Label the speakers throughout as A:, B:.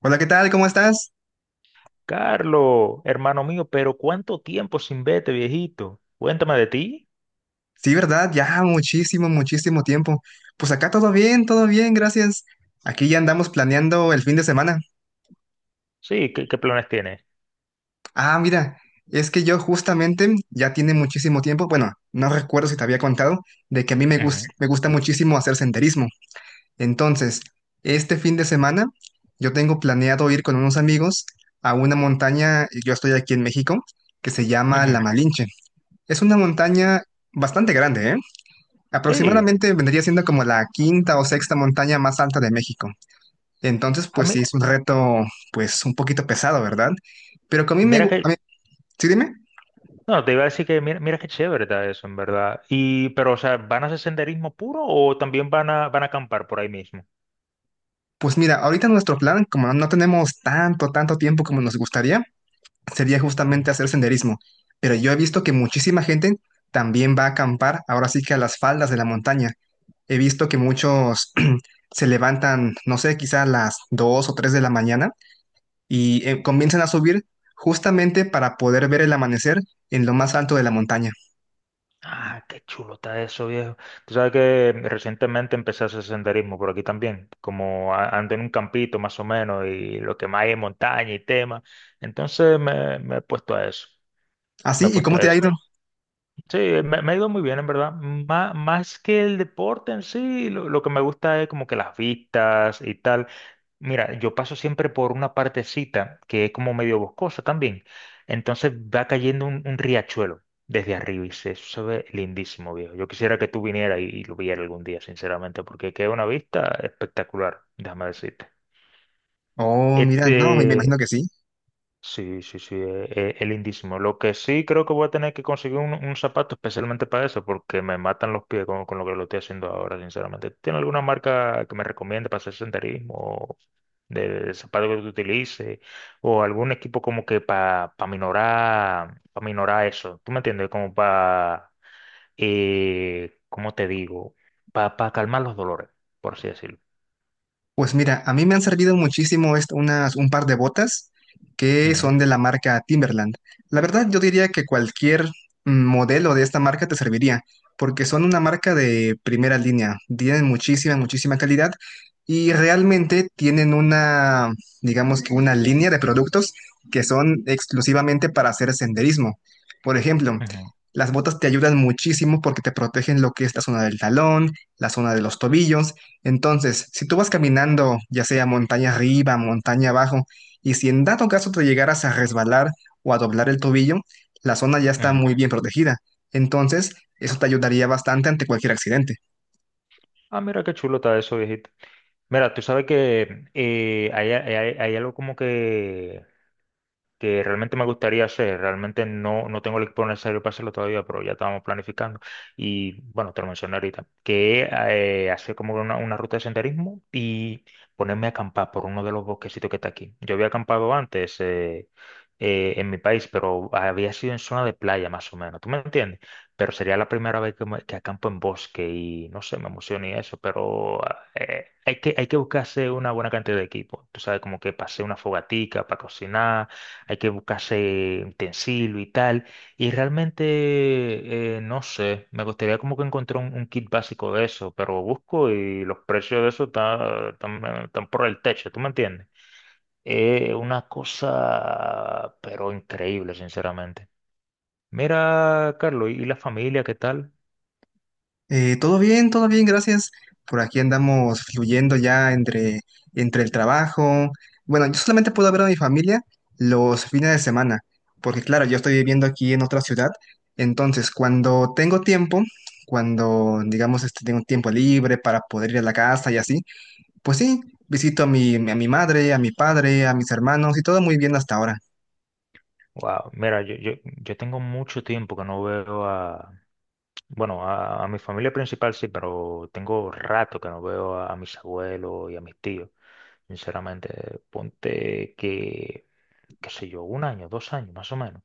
A: Hola, ¿qué tal? ¿Cómo estás?
B: Carlos, hermano mío, pero ¿cuánto tiempo sin verte, viejito? Cuéntame de ti.
A: Sí, ¿verdad? Ya muchísimo, muchísimo tiempo. Pues acá todo bien, gracias. Aquí ya andamos planeando el fin de semana.
B: Sí, ¿qué planes tienes?
A: Ah, mira, es que yo justamente ya tiene muchísimo tiempo, bueno, no recuerdo si te había contado, de que a mí
B: Ujú,
A: me gusta muchísimo hacer senderismo. Entonces, este fin de semana yo tengo planeado ir con unos amigos a una montaña, yo estoy aquí en México, que se llama La
B: ujú.
A: Malinche. Es una montaña bastante grande, ¿eh?
B: Sí,
A: Aproximadamente vendría siendo como la quinta o sexta montaña más alta de México. Entonces,
B: a
A: pues
B: mí,
A: sí, es un reto, pues un poquito pesado, ¿verdad? Pero que a mí me...
B: mira
A: gu- A mí-
B: que,
A: sí, dime.
B: no, te iba a decir que mira, mira qué chévere está eso, en verdad. Y, pero, o sea, ¿van a hacer senderismo puro o también van a, van a acampar por ahí mismo?
A: Pues mira, ahorita nuestro plan, como no tenemos tanto, tanto tiempo como nos gustaría, sería justamente
B: Ujú.
A: hacer senderismo. Pero yo he visto que muchísima gente también va a acampar, ahora sí que a las faldas de la montaña. He visto que muchos se levantan, no sé, quizá a las 2 o 3 de la mañana y comienzan a subir justamente para poder ver el amanecer en lo más alto de la montaña.
B: Ah, qué chulo está eso, viejo. Tú sabes que recientemente empecé a hacer senderismo por aquí también, ando en un campito más o menos y lo que más hay es montaña y tema. Entonces me he puesto a eso. Me
A: ¿Así?
B: he
A: ¿Y
B: puesto
A: cómo
B: a
A: te ha
B: eso.
A: ido?
B: Sí, me ha ido muy bien, en verdad. Más que el deporte en sí, lo que me gusta es como que las vistas y tal. Mira, yo paso siempre por una partecita que es como medio boscosa también. Entonces va cayendo un riachuelo desde arriba y se, eso se ve lindísimo, viejo. Yo quisiera que tú vinieras y lo vieras algún día, sinceramente, porque queda una vista espectacular, déjame decirte.
A: Oh, mira, no, me imagino
B: Este,
A: que sí.
B: sí, sí, sí, es lindísimo. Lo que sí creo que voy a tener que conseguir un zapato especialmente para eso, porque me matan los pies con lo que lo estoy haciendo ahora, sinceramente. ¿Tiene alguna marca que me recomiende para hacer senderismo, o de zapato que tú utilices, o algún equipo como que para minorar eso? ¿Tú me entiendes? Como para, ¿cómo te digo? Para calmar los dolores, por así decirlo.
A: Pues mira, a mí me han servido muchísimo unas, un par de botas que
B: Ujú,
A: son de la marca Timberland. La verdad, yo diría que cualquier modelo de esta marca te serviría, porque son una marca de primera línea, tienen muchísima, muchísima calidad y realmente tienen una, digamos que una línea de productos que son exclusivamente para hacer senderismo. Por ejemplo,
B: ujú,
A: las botas te ayudan muchísimo porque te protegen lo que es la zona del talón, la zona de los tobillos. Entonces, si tú vas caminando, ya sea montaña arriba, montaña abajo, y si en dado caso te llegaras a resbalar o a doblar el tobillo, la zona ya está
B: ujú.
A: muy bien protegida. Entonces, eso te ayudaría bastante ante cualquier accidente.
B: Ah, mira qué chulo está eso, viejito. Mira, tú sabes que hay algo como que realmente me gustaría hacer, realmente no tengo el equipo necesario para hacerlo todavía, pero ya estábamos planificando. Y bueno, te lo mencioné ahorita, que hacer como una ruta de senderismo y ponerme a acampar por uno de los bosquecitos que está aquí. Yo había acampado antes en mi país, pero había sido en zona de playa más o menos, ¿tú me entiendes? Pero sería la primera vez que acampo en bosque y no sé, me emociona y eso, pero hay que buscarse una buena cantidad de equipo, tú sabes, como que pasé una fogatica para cocinar, hay que buscarse utensilio y tal. Y realmente, no sé, me gustaría como que encontrar un kit básico de eso, pero busco y los precios de eso están por el techo, ¿tú me entiendes? Es una cosa, pero increíble, sinceramente. Mira, Carlos, ¿y la familia qué tal?
A: Todo bien, gracias. Por aquí andamos fluyendo ya entre, entre el trabajo. Bueno, yo solamente puedo ver a mi familia los fines de semana, porque claro, yo estoy viviendo aquí en otra ciudad. Entonces, cuando tengo tiempo, cuando digamos este, tengo tiempo libre para poder ir a la casa y así, pues sí, visito a mi madre, a mi padre, a mis hermanos y todo muy bien hasta ahora.
B: Wow, mira, yo tengo mucho tiempo que no veo a, bueno, a mi familia principal sí, pero tengo rato que no veo a mis abuelos y a mis tíos. Sinceramente, ponte que, qué sé yo, 1 año, 2 años, más o menos.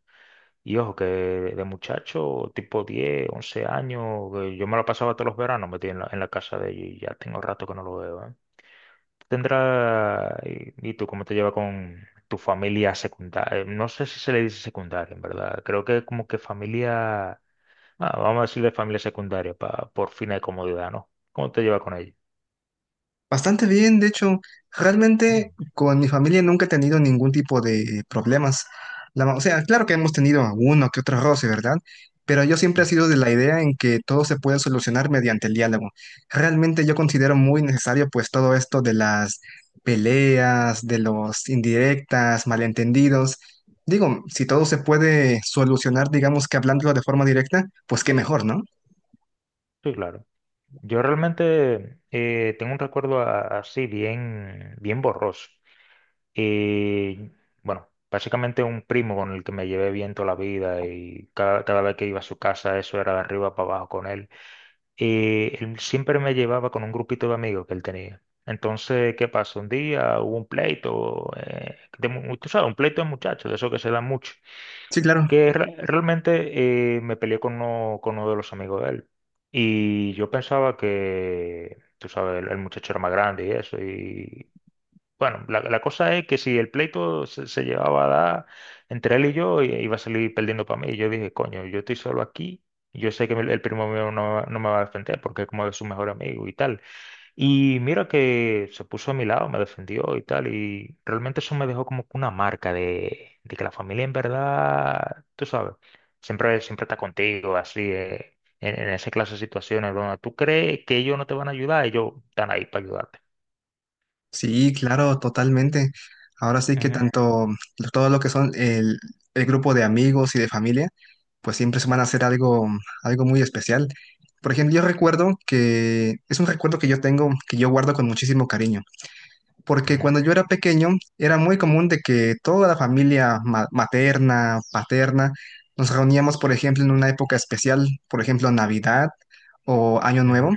B: Y ojo, que de muchacho, tipo 10 u 11 años, que yo me lo pasaba todos los veranos metido en la casa de ella y ya tengo rato que no lo veo, ¿eh? Tendrá, ¿y tú cómo te llevas con tu familia secundaria? No sé si se le dice secundaria, en verdad. Creo que como que familia, ah, vamos a decirle familia secundaria por fines de comodidad, ¿no? ¿Cómo te llevas con ella?
A: Bastante bien, de hecho,
B: Mm,
A: realmente con mi familia nunca he tenido ningún tipo de problemas. O sea, claro que hemos tenido uno que otro roce, ¿verdad? Pero yo siempre he
B: mm.
A: sido de la idea en que todo se puede solucionar mediante el diálogo. Realmente yo considero muy necesario pues todo esto de las peleas, de los indirectas, malentendidos. Digo, si todo se puede solucionar, digamos que hablándolo de forma directa, pues qué mejor, ¿no?
B: Sí, claro. Yo realmente tengo un recuerdo así bien, bien borroso. Y bueno, básicamente un primo con el que me llevé bien toda la vida y cada vez que iba a su casa eso era de arriba para abajo con él. Y él siempre me llevaba con un grupito de amigos que él tenía. Entonces, ¿qué pasó? Un día hubo un pleito, tú sabes, un pleito de muchachos, de eso que se da mucho
A: Sí, claro.
B: que realmente me peleé con uno de los amigos de él. Y yo pensaba que, tú sabes, el muchacho era más grande y eso. Y bueno, la cosa es que si el pleito se llevaba a dar entre él y yo, iba a salir perdiendo para mí. Y yo dije, coño, yo estoy solo aquí. Yo sé que el primo mío no me va a defender porque es como de su mejor amigo y tal. Y mira que se puso a mi lado, me defendió y tal, y realmente eso me dejó como que una marca de que la familia en verdad, tú sabes, siempre, siempre está contigo, así, en esa clase de situaciones donde tú crees que ellos no te van a ayudar, ellos están ahí para ayudarte.
A: Sí, claro, totalmente. Ahora sí que
B: Ujú,
A: tanto todo lo que son el grupo de amigos y de familia, pues siempre se van a hacer algo, algo muy especial. Por ejemplo, yo recuerdo que es un recuerdo que yo tengo, que yo guardo con muchísimo cariño porque
B: ujú,
A: cuando yo era pequeño era muy común de que toda la familia materna, paterna, nos reuníamos, por ejemplo, en una época especial, por ejemplo, Navidad o Año Nuevo.
B: ujú,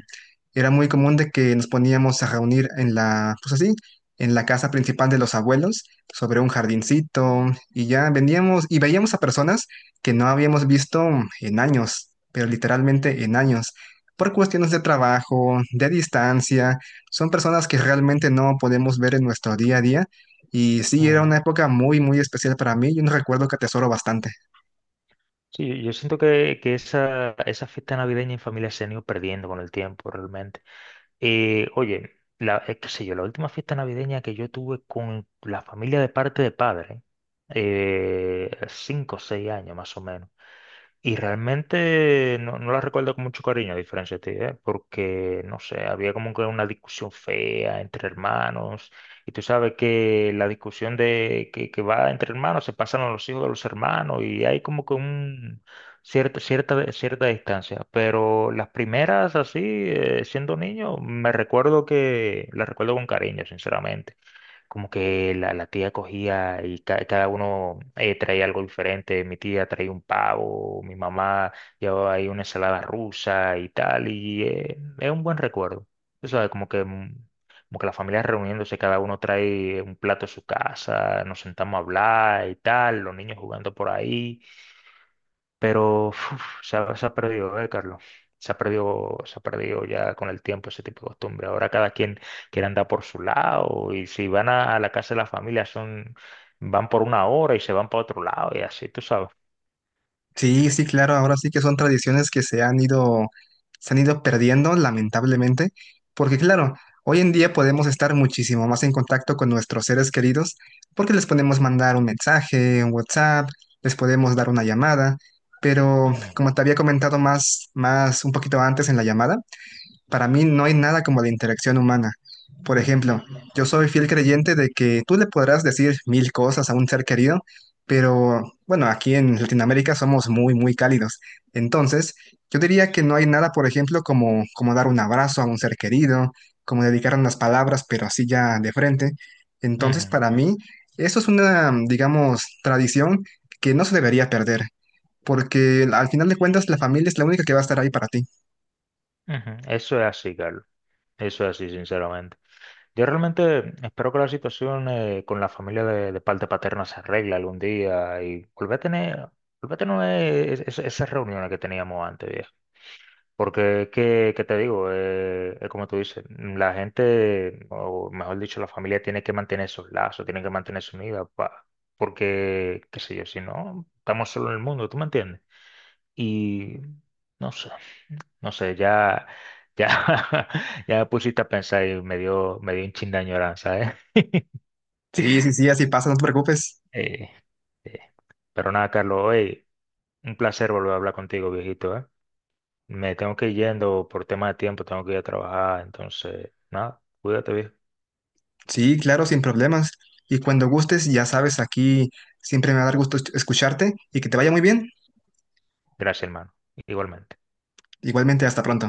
A: Era muy común de que nos poníamos a reunir en la, pues así, en la casa principal de los abuelos, sobre un jardincito, y ya veníamos y veíamos a personas que no habíamos visto en años, pero literalmente en años, por cuestiones de trabajo, de distancia son personas que realmente no podemos ver en nuestro día a día. Y sí, era
B: ujú.
A: una época muy, muy especial para mí y un recuerdo que atesoro bastante.
B: Sí, yo siento que esa fiesta navideña en familia se han ido perdiendo con el tiempo, realmente. Oye, la, qué sé yo, la última fiesta navideña que yo tuve con la familia de parte de padre, 5 o 6 años más o menos. Y realmente no la recuerdo con mucho cariño, a diferencia de ti, ¿eh? Porque, no sé, había como que una discusión fea entre hermanos. Y tú sabes que la discusión de que va entre hermanos se pasan a los hijos de los hermanos y hay como que un cierta, cierta, cierta distancia. Pero las primeras, así, siendo niño, me recuerdo que las recuerdo con cariño, sinceramente como que la tía cogía y cada uno traía algo diferente. Mi tía traía un pavo, mi mamá llevaba ahí una ensalada rusa y tal, y es un buen recuerdo. O sea, como que, mm, como que la familia reuniéndose, cada uno trae un plato a su casa, nos sentamos a hablar y tal, los niños jugando por ahí. Pero uf, se ha perdido, ¿eh, Carlos? Se ha perdido ya con el tiempo ese tipo de costumbre. Ahora cada quien quiere andar por su lado y si van a la casa de la familia son, van por 1 hora y se van para otro lado y así, tú sabes.
A: Sí, sí, claro, ahora sí que son tradiciones que se han ido perdiendo, lamentablemente, porque claro, hoy en día podemos estar muchísimo más en contacto con nuestros seres queridos porque les podemos mandar un mensaje, un WhatsApp, les podemos dar una llamada, pero
B: Ujú,
A: como te había comentado más, más un poquito antes en la llamada, para mí no hay nada como la interacción humana. Por ejemplo, yo soy fiel creyente de que tú le podrás decir 1000 cosas a un ser querido, pero bueno, aquí en Latinoamérica somos muy, muy cálidos. Entonces, yo diría que no hay nada, por ejemplo, como, como dar un abrazo a un ser querido, como dedicar unas palabras, pero así ya de frente. Entonces,
B: ujú,
A: para mí, eso es una, digamos, tradición que no se debería perder, porque al final de cuentas la familia es la única que va a estar ahí para ti.
B: ujú. Eso es así, Carlos. Eso es así, sinceramente. Yo realmente espero que la situación con la familia de parte paterna se arregle algún día y volver a tener esas reuniones que teníamos antes, porque, ¿qué, qué te digo? Es como tú dices, mm, la gente, o mejor dicho, la familia tiene que mantener esos lazos, tiene que mantenerse unida, porque, qué sé yo, si no, estamos solo en el mundo, ¿tú me entiendes? Y no sé, no sé, ya, ya, ya me pusiste a pensar y me dio un chin de añoranza, ¿eh?
A: Sí, sí, sí, así pasa, no te preocupes.
B: Eh, eh. Pero nada, Carlos, hoy un placer volver a hablar contigo, viejito, ¿eh? Me tengo que ir yendo por tema de tiempo, tengo que ir a trabajar, entonces, nada, cuídate, viejo.
A: Sí, claro, sin problemas. Y cuando gustes, ya sabes, aquí siempre me va a dar gusto escucharte y que te vaya muy bien.
B: Gracias, hermano. Igualmente.
A: Igualmente, hasta pronto.